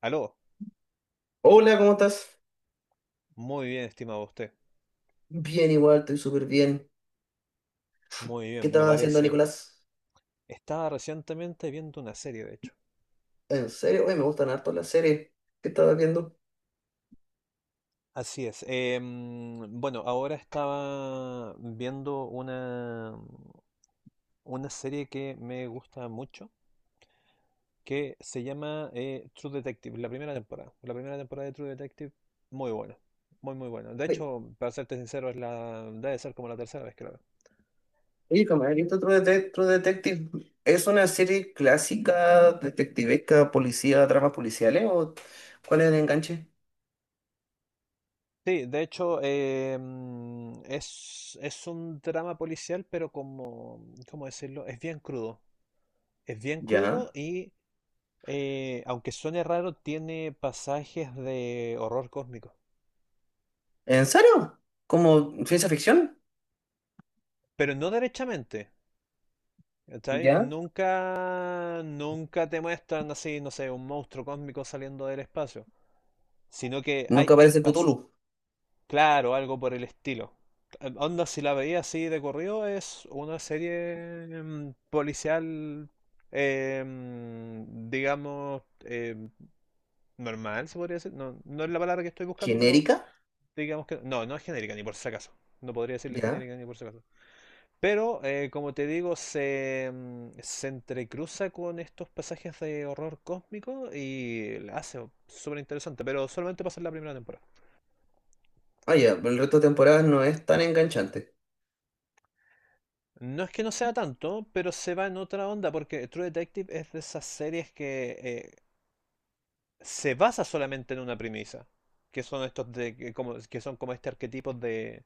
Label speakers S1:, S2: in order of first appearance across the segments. S1: Aló,
S2: Hola, ¿cómo estás?
S1: muy bien, estimado usted.
S2: Bien, igual, estoy súper bien.
S1: Muy
S2: ¿Qué
S1: bien, me
S2: estabas haciendo,
S1: parece.
S2: Nicolás?
S1: Estaba recientemente viendo una serie, de hecho.
S2: ¿En serio? Oye, me gustan harto las series. ¿Qué estabas viendo?
S1: Así es. Bueno, ahora estaba viendo una serie que me gusta mucho, que se llama True Detective, la primera temporada. La primera temporada de True Detective, muy buena. Muy, muy buena. De
S2: Oye,
S1: hecho, para serte sincero, debe ser como la tercera vez que la veo.
S2: oye, como he visto True Detective. ¿Es una serie clásica, detectivesca, policía, dramas policiales? ¿O cuál es el enganche?
S1: Sí, de hecho, es un drama policial, pero como, ¿cómo decirlo? Es bien crudo. Es bien crudo
S2: ¿Ya?
S1: y, aunque suene raro, tiene pasajes de horror cósmico.
S2: ¿En serio? ¿Como ciencia ficción?
S1: Pero no derechamente, ¿cachai?
S2: ¿Ya?
S1: Nunca, nunca te muestran así, no sé, un monstruo cósmico saliendo del espacio. Sino que hay,
S2: Nunca
S1: hay,
S2: aparece
S1: pas-
S2: Cthulhu.
S1: Claro, algo por el estilo. Onda, si la veía así de corrido, es una serie policial, digamos, normal, se podría decir. No, no es la palabra que estoy buscando, pero
S2: ¿Genérica?
S1: digamos que, no, no es genérica, ni por si acaso. No podría decirle
S2: ¿Ya?
S1: genérica ni por si acaso. Pero, como te digo, se entrecruza con estos pasajes de horror cósmico y la hace súper interesante, pero solamente pasa en la primera temporada.
S2: Ah, ya, pero el resto de temporadas no es tan enganchante.
S1: No es que no sea tanto, pero se va en otra onda, porque True Detective es de esas series que se basa solamente en una premisa, que son estos de, que, como, que son como este arquetipo de,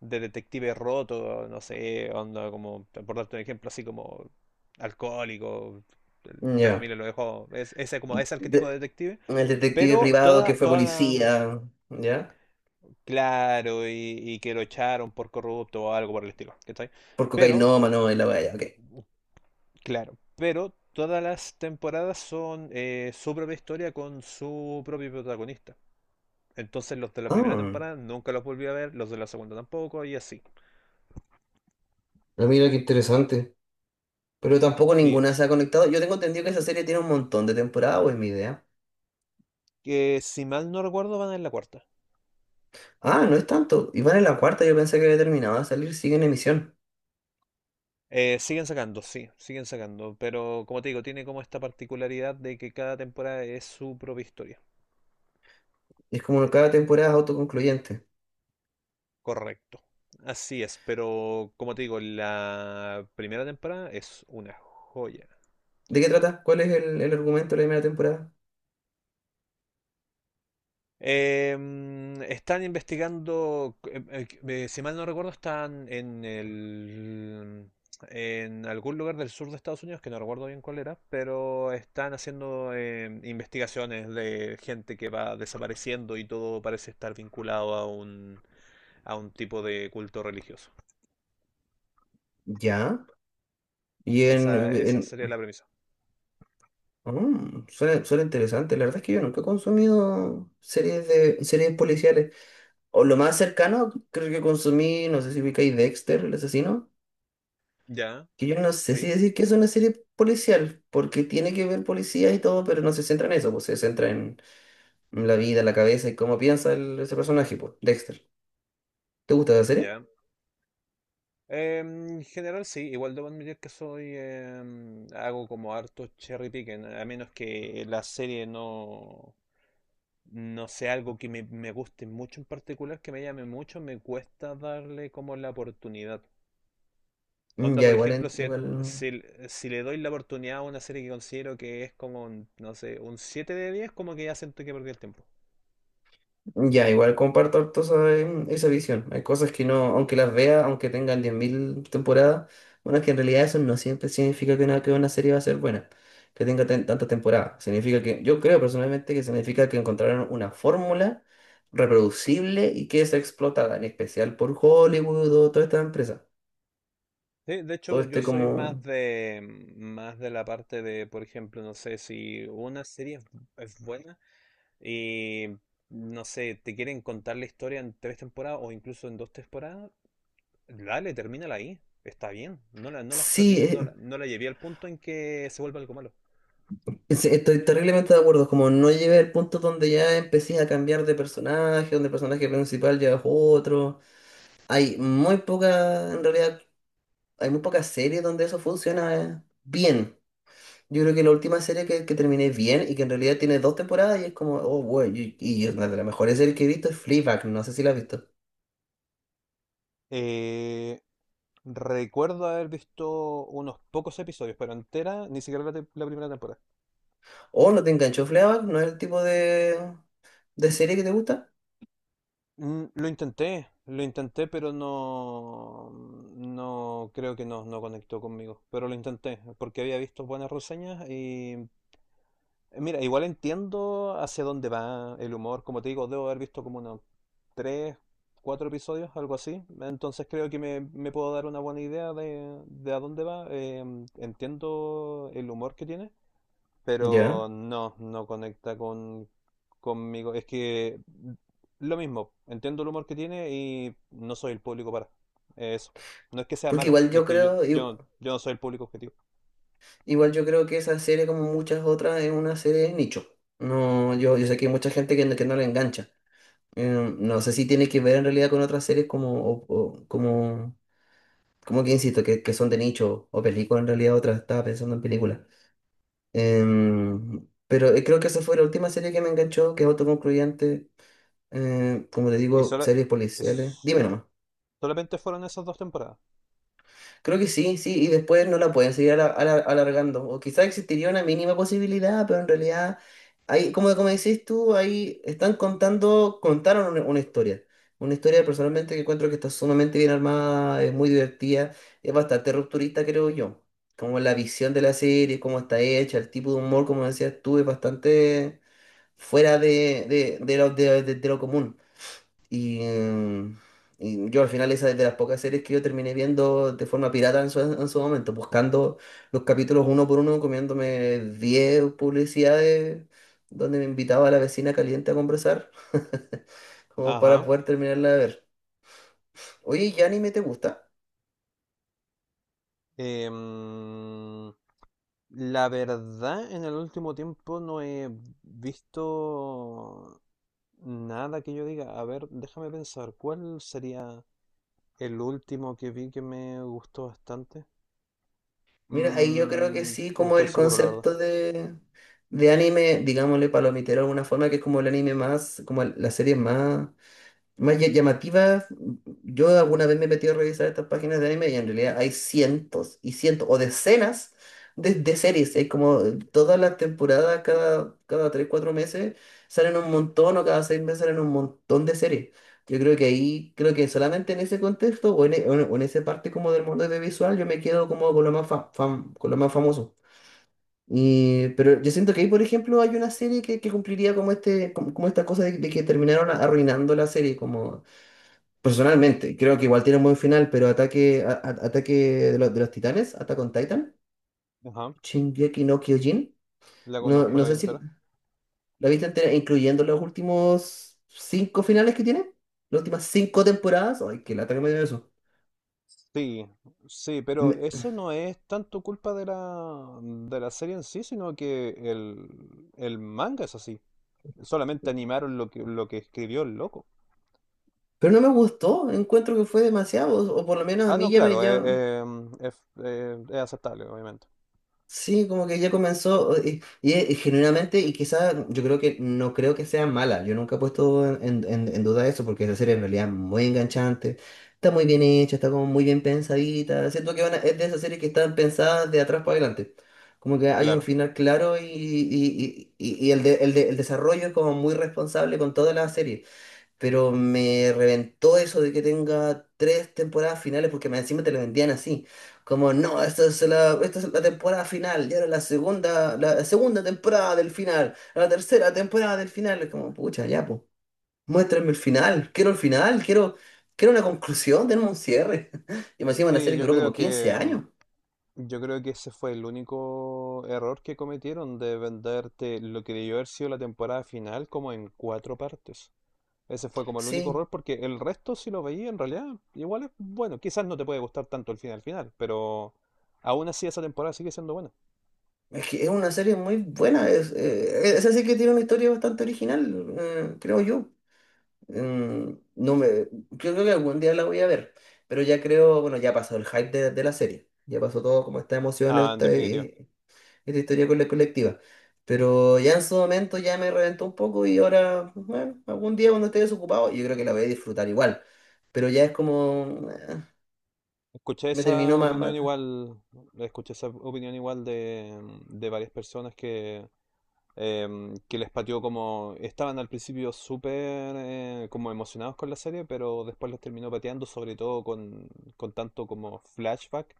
S1: de detective roto, no sé, onda como, por darte un ejemplo, así como alcohólico, la
S2: Ya.
S1: familia lo dejó, ese como ese arquetipo de
S2: De-
S1: detective.
S2: El detective
S1: pero
S2: privado que
S1: toda,
S2: fue
S1: toda la-
S2: policía, ¿ya?
S1: claro, y que lo echaron por corrupto o algo por el estilo, ¿cachai?
S2: Por
S1: Pero
S2: cocainómano en la valla, ok.
S1: Claro, pero todas las temporadas son su propia historia con su propio protagonista. Entonces los de la primera
S2: Ah,
S1: temporada nunca los volví a ver, los de la segunda tampoco, y así.
S2: ah, mira qué interesante. Pero tampoco
S1: Sí
S2: ninguna se
S1: es.
S2: ha conectado. Yo tengo entendido que esa serie tiene un montón de temporadas, o es mi idea.
S1: Que si mal no recuerdo van en la cuarta.
S2: Ah, no es tanto. Y van en la cuarta, yo pensé que había terminado de salir, sigue en emisión.
S1: Siguen sacando, sí, siguen sacando, pero como te digo, tiene como esta particularidad de que cada temporada es su propia historia.
S2: Es como cada temporada es autoconcluyente.
S1: Correcto. Así es, pero como te digo, la primera temporada es una joya.
S2: ¿De qué trata? ¿Cuál es el argumento de la primera temporada?
S1: Están investigando, si mal no recuerdo, en algún lugar del sur de Estados Unidos, que no recuerdo bien cuál era, pero están haciendo investigaciones de gente que va desapareciendo y todo parece estar vinculado a un tipo de culto religioso.
S2: Ya. Y
S1: Esa,
S2: en...
S1: esa
S2: en...
S1: sería la premisa.
S2: Suena, suena interesante. La verdad es que yo nunca he consumido series de series policiales. O lo más cercano, creo que consumí, no sé si ubicáis Dexter, el asesino,
S1: Ya,
S2: que yo no sé si
S1: sí,
S2: decir que es una serie policial, porque tiene que ver policía y todo, pero no se centra en eso, pues se centra en la vida, la cabeza y cómo piensa ese personaje, pues, Dexter. ¿Te gusta la serie?
S1: ya. En general sí, igual debo admitir que soy hago como harto cherry picking, a menos que la serie no sea algo que me guste mucho en particular, que me llame mucho, me cuesta darle como la oportunidad. Onda,
S2: Ya,
S1: por
S2: igual,
S1: ejemplo,
S2: igual.
S1: si, si le doy la oportunidad a una serie que considero que es como, un, no sé, un 7 de 10, como que ya siento que perdí el tiempo.
S2: Ya, igual comparto harto esa visión. Hay cosas que no, aunque las vea, aunque tengan 10.000 temporadas, bueno, es que en realidad eso no siempre significa que una serie va a ser buena, que tenga tantas temporadas. Significa que, yo creo personalmente que significa que encontraron una fórmula reproducible y que es explotada, en especial por Hollywood o toda esta empresa.
S1: Sí, de
S2: Todo
S1: hecho, yo
S2: este
S1: soy más
S2: como...
S1: de más de la parte de, por ejemplo, no sé si una serie es buena, y no sé, te quieren contar la historia en tres temporadas o incluso en dos temporadas, dale, termínala ahí. Está bien. No la
S2: Sí,
S1: exploté, no la, no la llevé al punto en que se vuelva algo malo.
S2: estoy terriblemente de acuerdo, como no llegué al punto donde ya empecé a cambiar de personaje, donde el personaje principal ya es otro. Hay muy pocas, en realidad, hay muy pocas series donde eso funciona bien. Yo creo que la última serie que terminé bien y que en realidad tiene dos temporadas y es como, oh, bueno, y es una de las mejores series que he visto es Fleabag, no sé si la has visto.
S1: Eh, Recuerdo haber visto unos pocos episodios, pero entera, ni siquiera la primera temporada.
S2: ¿O no te enganchó Fleabag? ¿No es el tipo de serie que te gusta?
S1: Lo intenté, pero no, no creo que no conectó conmigo. Pero lo intenté, porque había visto buenas reseñas y mira, igual entiendo hacia dónde va el humor. Como te digo, debo haber visto como unos tres, cuatro episodios, algo así. Entonces creo que me puedo dar una buena idea de a dónde va. Entiendo el humor que tiene, pero
S2: Ya.
S1: no conecta conmigo. Es que lo mismo, entiendo el humor que tiene y no soy el público para eso. No es que sea
S2: Porque
S1: mala,
S2: igual
S1: es
S2: yo
S1: que yo,
S2: creo, i-
S1: yo, yo no soy el público objetivo.
S2: Igual yo creo que esa serie, como muchas otras, es una serie de nicho. No, yo sé que hay mucha gente que no la engancha. No sé si tiene que ver en realidad con otras series como, como que insisto, que son de nicho o películas en realidad, otras estaba pensando en películas. Pero creo que esa fue la última serie que me enganchó, que es autoconcluyente. Como te
S1: Y
S2: digo, series policiales.
S1: es-
S2: Dime nomás.
S1: solamente fueron esas dos temporadas.
S2: Creo que sí, sí, y después no la pueden seguir alargando. O quizás existiría una mínima posibilidad, pero en realidad, hay, como, como decís tú, ahí están contaron una historia. Una historia personalmente que encuentro que está sumamente bien armada, es muy divertida, es bastante rupturista, creo yo. Como la visión de la serie, cómo está hecha, el tipo de humor, como decías tú, es bastante fuera de lo común. Y, mm, y yo al final esa es de las pocas series que yo terminé viendo de forma pirata en su momento, buscando los capítulos uno por uno, comiéndome 10 publicidades donde me invitaba a la vecina caliente a conversar, como para
S1: Ajá.
S2: poder terminarla de ver. Oye, ¿y anime te gusta?
S1: Em, la verdad, en el último tiempo no he visto nada que yo diga. A ver, déjame pensar, ¿cuál sería? El último que vi que me gustó bastante.
S2: Mira, ahí yo creo que sí,
S1: No
S2: como
S1: estoy
S2: el
S1: seguro, la verdad.
S2: concepto de anime, digámosle palomitero de alguna forma, que es como el anime más, como la serie más llamativas, yo alguna vez me he metido a revisar estas páginas de anime y en realidad hay cientos y cientos o decenas de series. Hay como todas las temporadas, cada 3 4 meses salen un montón o cada 6 meses salen un montón de series. Yo creo que ahí, creo que solamente en ese contexto o en, e- o en esa parte como del mundo audiovisual yo me quedo como con lo más, con lo más famoso. Y, pero yo siento que ahí, por ejemplo, hay una serie que cumpliría como esta cosa de que terminaron arruinando la serie, como personalmente, creo que igual tiene un buen final, pero ataque de los titanes, Attack on Titan,
S1: Ajá.
S2: Shingeki no Kyojin.
S1: La
S2: No,
S1: conozco, la
S2: no
S1: vi
S2: sé si
S1: entera.
S2: la viste entera, incluyendo los últimos cinco finales que tiene, las últimas cinco temporadas. Ay, qué lata que me dio eso.
S1: Sí, sí, pero
S2: Me-
S1: eso no es tanto culpa de la serie en sí, sino que el manga es así. Solamente animaron lo que escribió el loco.
S2: pero no me gustó, encuentro que fue demasiado, o por lo menos a
S1: Ah,
S2: mí
S1: no,
S2: ya me
S1: claro,
S2: ya.
S1: es aceptable, obviamente.
S2: Sí, como que ya comenzó genuinamente, y quizás yo creo que no creo que sea mala, yo nunca he puesto en duda eso porque esa serie en realidad es muy enganchante, está muy bien hecha, está como muy bien pensadita, siento que es de esas series que están pensadas de atrás para adelante, como que hay un
S1: Claro.
S2: final claro y el desarrollo es como muy responsable con toda la serie. Pero me reventó eso de que tenga tres temporadas finales porque más encima te lo vendían así. Como, no, esta es la temporada final, y ahora la segunda temporada del final, la tercera temporada del final. Es como, pucha, ya, pues, muéstrame el final, quiero, quiero una conclusión, tenemos un cierre. Y más encima una
S1: Sí,
S2: serie que
S1: yo
S2: duró como
S1: creo
S2: 15
S1: que
S2: años.
S1: mm, yo creo que ese fue el único error que cometieron de venderte lo que debió haber sido la temporada final como en cuatro partes. Ese fue como el único
S2: Sí,
S1: error porque el resto, si lo veía en realidad, igual es bueno. Quizás no te puede gustar tanto el final final, pero aún así esa temporada sigue siendo buena.
S2: es que es una serie muy buena, es así que tiene una historia bastante original, creo yo. No creo que algún día la voy a ver, pero ya creo, bueno, ya pasó el hype de la serie, ya pasó todo como esta emoción,
S1: Ah, en definitiva.
S2: esta historia con la colectiva, pero ya en su momento ya me reventó un poco y ahora, pues, bueno, algún día cuando esté desocupado, yo creo que la voy a disfrutar igual, pero ya es como,
S1: Escuché
S2: me
S1: esa
S2: terminó más
S1: opinión
S2: mata.
S1: igual, escuché esa opinión igual de varias personas que, que les pateó como... Estaban al principio súper como emocionados con la serie, pero después los terminó pateando, sobre todo con tanto como flashback,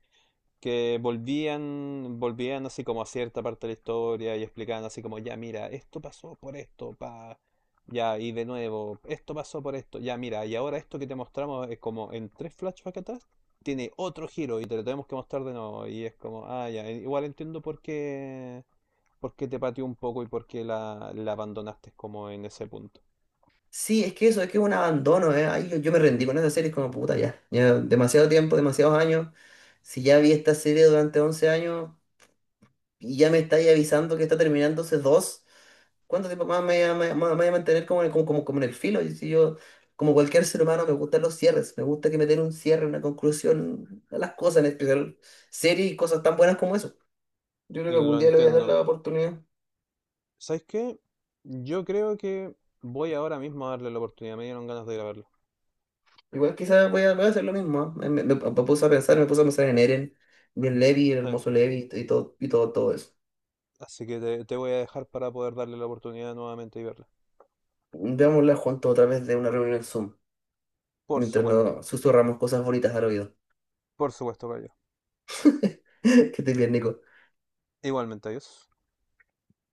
S1: que volvían así como a cierta parte de la historia y explicaban así como, ya mira, esto pasó por esto. Ya, y de nuevo, esto pasó por esto, ya mira, y ahora esto que te mostramos es como en tres flashbacks atrás, tiene otro giro y te lo tenemos que mostrar de nuevo. Y es como, ah, ya, igual entiendo por qué. ¿Por qué te pateó un poco y por qué la abandonaste como en ese punto?
S2: Sí, es que eso, es que es un abandono, ahí yo me rendí con esa serie, es como puta, ya, ya demasiado tiempo, demasiados años, si ya vi esta serie durante 11 años. Y ya me estáis avisando que está terminándose dos. ¿Cuánto tiempo más me voy a mantener como como en el filo? Y si yo, como cualquier ser humano, me gustan los cierres. Me gusta que me den un cierre, una conclusión a las cosas, en especial series y cosas tan buenas como eso. Yo creo que algún
S1: Lo
S2: día le voy a dar
S1: entiendo.
S2: la oportunidad.
S1: ¿Sabes qué? Yo creo que voy ahora mismo a darle la oportunidad. Me dieron ganas de grabarlo.
S2: Igual quizás voy a hacer lo mismo. ¿Ah? Me me puse a pensar en Eren, y en Levi, el
S1: Sí.
S2: hermoso Levi y todo, todo eso.
S1: Así que te voy a dejar para poder darle la oportunidad nuevamente y verla.
S2: Veámosla juntos otra vez de una reunión en Zoom,
S1: Por
S2: mientras
S1: supuesto.
S2: nos susurramos cosas bonitas al oído.
S1: Por supuesto, Cayo.
S2: Que estés bien, Nico.
S1: Igualmente, adiós.